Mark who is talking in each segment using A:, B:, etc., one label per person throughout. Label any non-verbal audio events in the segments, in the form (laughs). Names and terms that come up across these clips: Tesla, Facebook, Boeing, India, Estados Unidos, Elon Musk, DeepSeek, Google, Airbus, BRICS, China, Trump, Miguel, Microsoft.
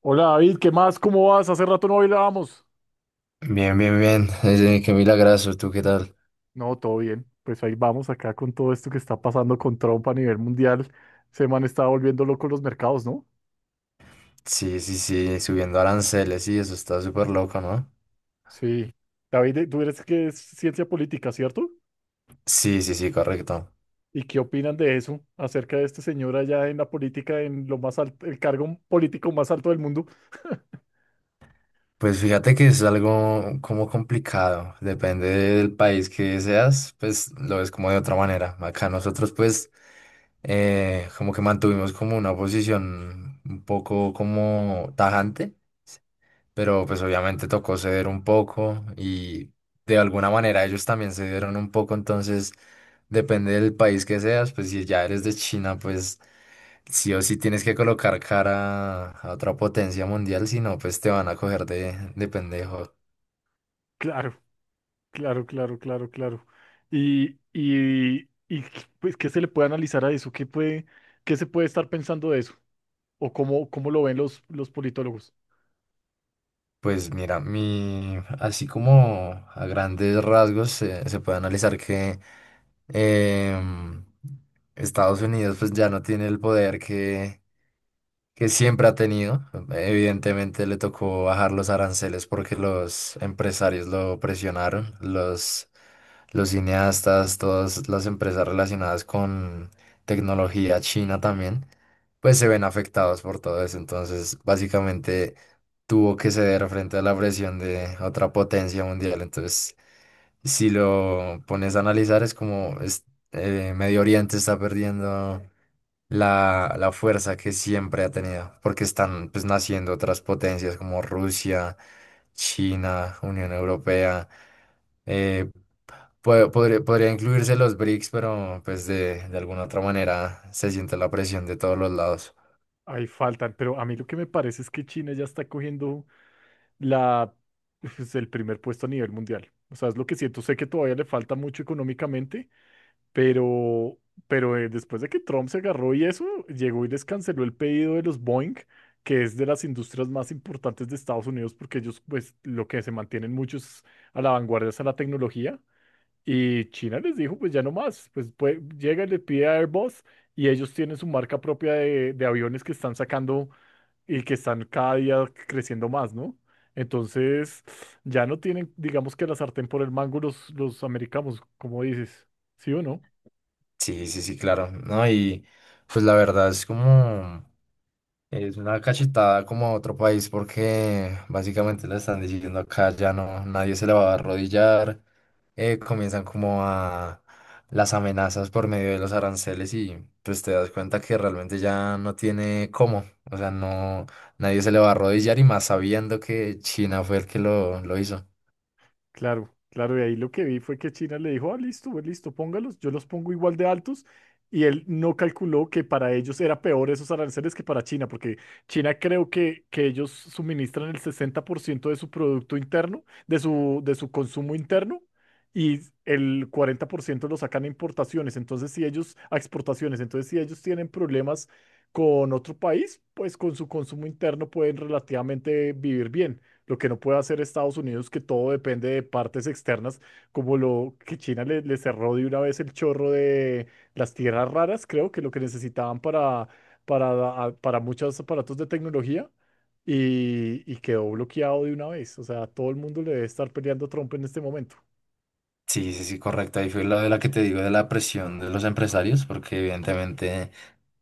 A: Hola David, ¿qué más? ¿Cómo vas? Hace rato no bailábamos.
B: Bien, bien, bien. Qué milagroso, ¿tú qué tal?
A: No, todo bien. Pues ahí vamos acá con todo esto que está pasando con Trump a nivel mundial. Se man está volviendo loco los mercados, ¿no?
B: Sí, sí, sí, subiendo aranceles, sí, eso está súper loco, ¿no?
A: Sí. David, tú eres que es ciencia política, ¿cierto?
B: Sí, sí, sí, correcto.
A: ¿Y qué opinan de eso acerca de este señor allá en la política, en lo más alto, el cargo político más alto del mundo? (laughs)
B: Pues fíjate que es algo como complicado, depende del país que seas, pues lo ves como de otra manera. Acá nosotros pues como que mantuvimos como una posición un poco como tajante, pero pues obviamente tocó ceder un poco y de alguna manera ellos también cedieron un poco, entonces... Depende del país que seas, pues si ya eres de China, pues sí o sí tienes que colocar cara a otra potencia mundial, si no, pues te van a coger de pendejo.
A: Claro. Claro, claro, claro, claro. Y pues, ¿qué se le puede analizar a eso? ¿ qué se puede estar pensando de eso? ¿O cómo lo ven los politólogos?
B: Pues mira, así como a grandes rasgos se puede analizar que em, Estados Unidos pues ya no tiene el poder que siempre ha tenido. Evidentemente le tocó bajar los aranceles porque los empresarios lo presionaron, los cineastas, todas las empresas relacionadas con tecnología china también, pues se ven afectados por todo eso. Entonces, básicamente tuvo que ceder frente a la presión de otra potencia mundial. Entonces, si lo pones a analizar, es como Medio Oriente está perdiendo la fuerza que siempre ha tenido, porque están pues naciendo otras potencias como Rusia, China, Unión Europea. Eh, Pod- Podría, podría incluirse los BRICS, pero pues de alguna otra manera se siente la presión de todos los lados.
A: Ahí faltan, pero a mí lo que me parece es que China ya está cogiendo la, pues, el primer puesto a nivel mundial. O sea, es lo que siento. Sé que todavía le falta mucho económicamente, Pero, pero después de que Trump se agarró y eso, llegó y les canceló el pedido de los Boeing, que es de las industrias más importantes de Estados Unidos, porque ellos, pues, lo que se mantienen muchos a la vanguardia es a la tecnología. Y China les dijo, pues ya no más, pues, llega y le pide a Airbus y ellos tienen su marca propia de aviones que están sacando y que están cada día creciendo más, ¿no? Entonces, ya no tienen, digamos que la sartén por el mango los americanos, como dices, ¿sí o no?
B: Sí, sí, sí, claro. No, y pues la verdad es como es una cachetada como a otro país porque básicamente le están diciendo acá ya no, nadie se le va a arrodillar, comienzan como a las amenazas por medio de los aranceles y pues te das cuenta que realmente ya no tiene cómo, o sea, no, nadie se le va a arrodillar y más sabiendo que China fue el que lo hizo.
A: Claro, claro, y ahí lo que vi fue que China le dijo, ah, listo, pues, listo, póngalos, yo los pongo igual de altos, y él no calculó que para ellos era peor esos aranceles que para China, porque China creo que ellos suministran el 60% de su producto interno, de su consumo interno, y el 40% lo sacan a importaciones, entonces si ellos, a exportaciones, entonces si ellos tienen problemas con otro país, pues con su consumo interno pueden relativamente vivir bien. Lo que no puede hacer Estados Unidos, que todo depende de partes externas, como lo que China le, le cerró de una vez el chorro de las tierras raras, creo que lo que necesitaban para, para muchos aparatos de tecnología, y quedó bloqueado de una vez. O sea, todo el mundo le debe estar peleando a Trump en este momento.
B: Sí, sí, sí, correcto. Ahí fue lo de la que te digo de la presión de los empresarios, porque evidentemente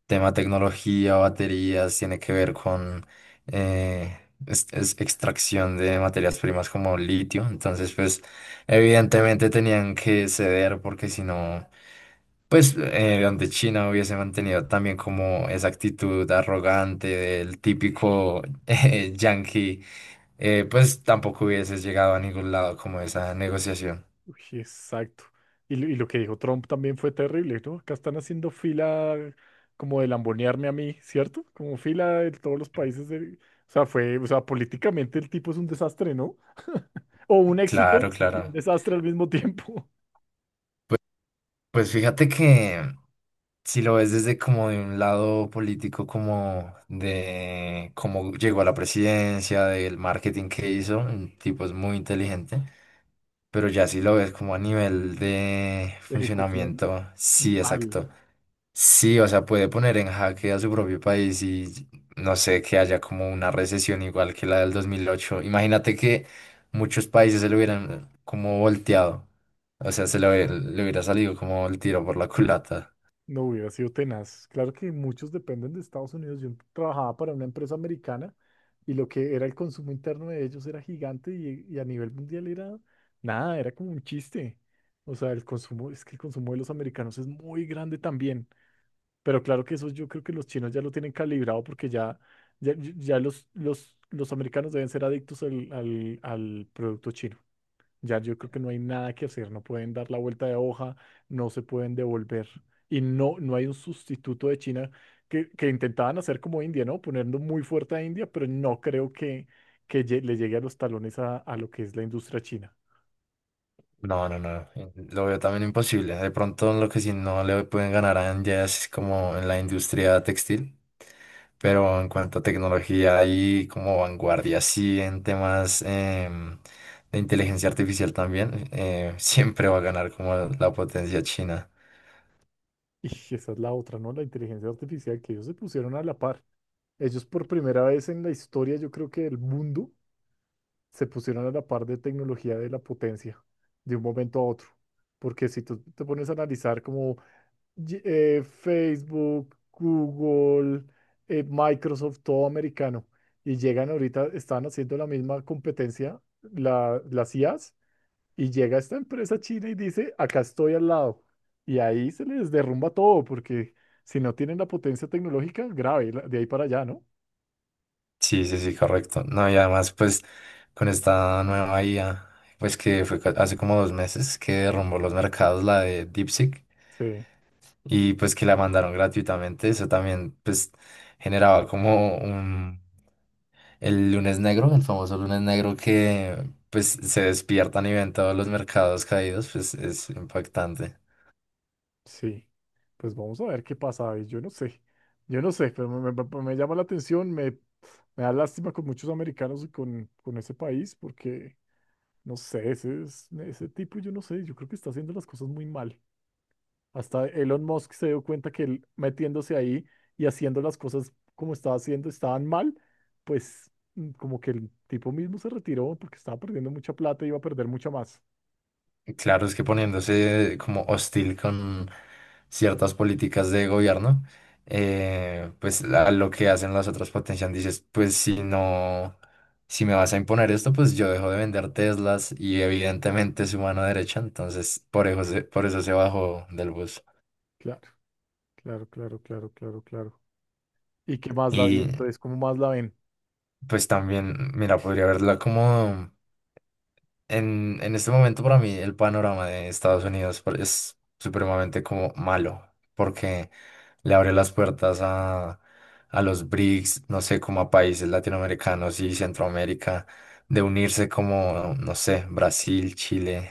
B: tema tecnología, baterías, tiene que ver con eh, es extracción de materias primas como litio. Entonces, pues, evidentemente tenían que ceder porque si no, pues, donde China hubiese mantenido también como esa actitud arrogante del típico (laughs) yankee, pues tampoco hubiese llegado a ningún lado como esa negociación.
A: Uy, exacto. Y lo que dijo Trump también fue terrible, ¿no? Acá están haciendo fila como de lambonearme a mí, ¿cierto? Como fila de todos los países del- O sea, fue, o sea, políticamente el tipo es un desastre, ¿no? O un éxito
B: Claro,
A: y un
B: claro.
A: desastre al mismo tiempo.
B: Pues fíjate que si lo ves desde como de un lado político, como de cómo llegó a la presidencia, del marketing que hizo, un tipo es muy inteligente, pero ya si lo ves como a nivel de
A: (laughs) Ejecución,
B: funcionamiento, sí,
A: mal.
B: exacto. Sí, o sea, puede poner en jaque a su propio país y no sé, que haya como una recesión igual que la del 2008. Imagínate que muchos países se lo hubieran como volteado, o sea, le hubiera salido como el tiro por la culata.
A: No hubiera sido tenaz. Claro que muchos dependen de Estados Unidos. Yo trabajaba para una empresa americana y lo que era el consumo interno de ellos era gigante y a nivel mundial era nada, era como un chiste. O sea, el consumo, es que el consumo de los americanos es muy grande también. Pero claro que eso yo creo que los chinos ya lo tienen calibrado porque ya, ya los americanos deben ser adictos al producto chino. Ya yo creo que no hay nada que hacer, no pueden dar la vuelta de hoja, no se pueden devolver. Y no, no hay un sustituto de China que intentaban hacer como India, ¿no? Poniendo muy fuerte a India, pero no creo que, que le llegue a los talones a lo que es la industria china.
B: No, no, no, lo veo también imposible. De pronto lo que sí no le pueden ganar a ya es como en la industria textil, pero en cuanto a tecnología y como vanguardia, sí, en temas de inteligencia artificial también, (laughs) siempre va a ganar como la potencia china.
A: Y esa es la otra, ¿no? La inteligencia artificial, que ellos se pusieron a la par. Ellos por primera vez en la historia, yo creo que del mundo, se pusieron a la par de tecnología de la potencia de un momento a otro. Porque si tú te pones a analizar como Facebook, Google, Microsoft, todo americano, y llegan ahorita, están haciendo la misma competencia, las IAs, y llega esta empresa china y dice, acá estoy al lado. Y ahí se les derrumba todo, porque si no tienen la potencia tecnológica, grave, de ahí para allá, ¿no?
B: Sí, sí, sí, correcto. No, y además, pues, con esta nueva IA, pues que fue hace como 2 meses que derrumbó los mercados, la de DeepSeek,
A: Sí.
B: y pues que la mandaron gratuitamente, eso también pues generaba como el lunes negro, el famoso lunes negro que pues se despiertan y ven todos los mercados caídos, pues es impactante.
A: Sí, pues vamos a ver qué pasa, David. Yo no sé, pero me, me llama la atención, me da lástima con muchos americanos y con ese país, porque no sé, ese, ese tipo, yo no sé, yo creo que está haciendo las cosas muy mal. Hasta Elon Musk se dio cuenta que él metiéndose ahí y haciendo las cosas como estaba haciendo estaban mal, pues como que el tipo mismo se retiró porque estaba perdiendo mucha plata y iba a perder mucha más.
B: Claro, es que poniéndose como hostil con ciertas políticas de gobierno, pues a lo que hacen las otras potencias, dices, pues si no, si me vas a imponer esto, pues yo dejo de vender Teslas y evidentemente es su mano derecha, entonces por eso se bajó del bus.
A: Claro, claro, claro, claro, claro, claro. ¿Y qué más, David?
B: Y
A: Entonces, ¿cómo más la ven?
B: pues también, mira, podría verla como... En este momento para mí el panorama de Estados Unidos es supremamente como malo, porque le abre las puertas a los BRICS, no sé, como a países latinoamericanos y Centroamérica, de unirse como, no sé, Brasil, Chile,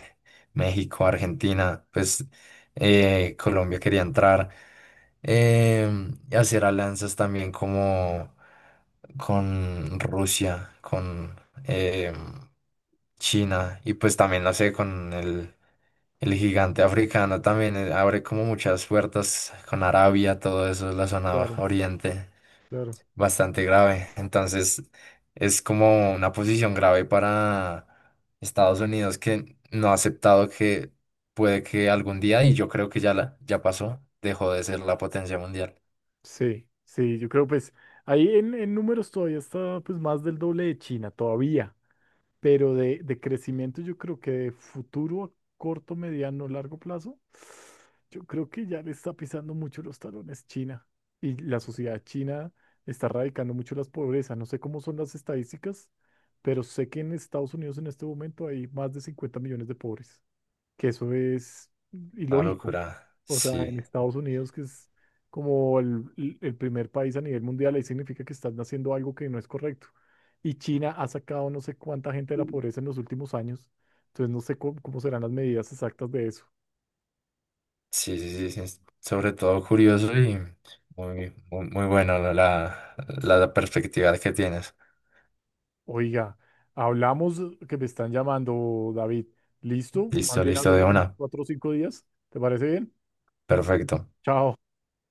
B: México, Argentina, pues Colombia quería entrar, y hacer alianzas también como con Rusia, em, China y pues también, no sé, con el gigante africano también abre como muchas puertas con Arabia, todo eso, la zona
A: Claro,
B: oriente,
A: claro.
B: bastante grave. Entonces es como una posición grave para Estados Unidos que no ha aceptado que puede que algún día, y yo creo que ya, ya pasó, dejó de ser la potencia mundial.
A: Sí, sí, yo creo pues ahí en números todavía está pues más del doble de China, todavía, pero de crecimiento yo creo que de futuro a corto, mediano, largo plazo, yo creo que ya le está pisando mucho los talones China y la sociedad china está erradicando mucho las pobrezas. No sé cómo son las estadísticas, pero sé que en Estados Unidos en este momento hay más de 50 millones de pobres, que eso es
B: Una
A: ilógico.
B: locura,
A: O sea,
B: sí.
A: en Estados Unidos, que es como el, el primer país a nivel mundial, ahí significa que están haciendo algo que no es correcto. Y China ha sacado no sé cuánta gente de la pobreza en los últimos años, entonces no sé cómo, cómo serán las medidas exactas de eso.
B: Sí, sí, sí, sí, es sobre todo curioso y muy, muy, muy bueno la, la perspectiva que tienes.
A: Oiga, hablamos que me están llamando, David. ¿Listo? Más
B: Listo,
A: bien
B: listo de
A: hablemos en
B: una.
A: 4 o 5 días. ¿Te parece bien?
B: Perfecto.
A: Chao.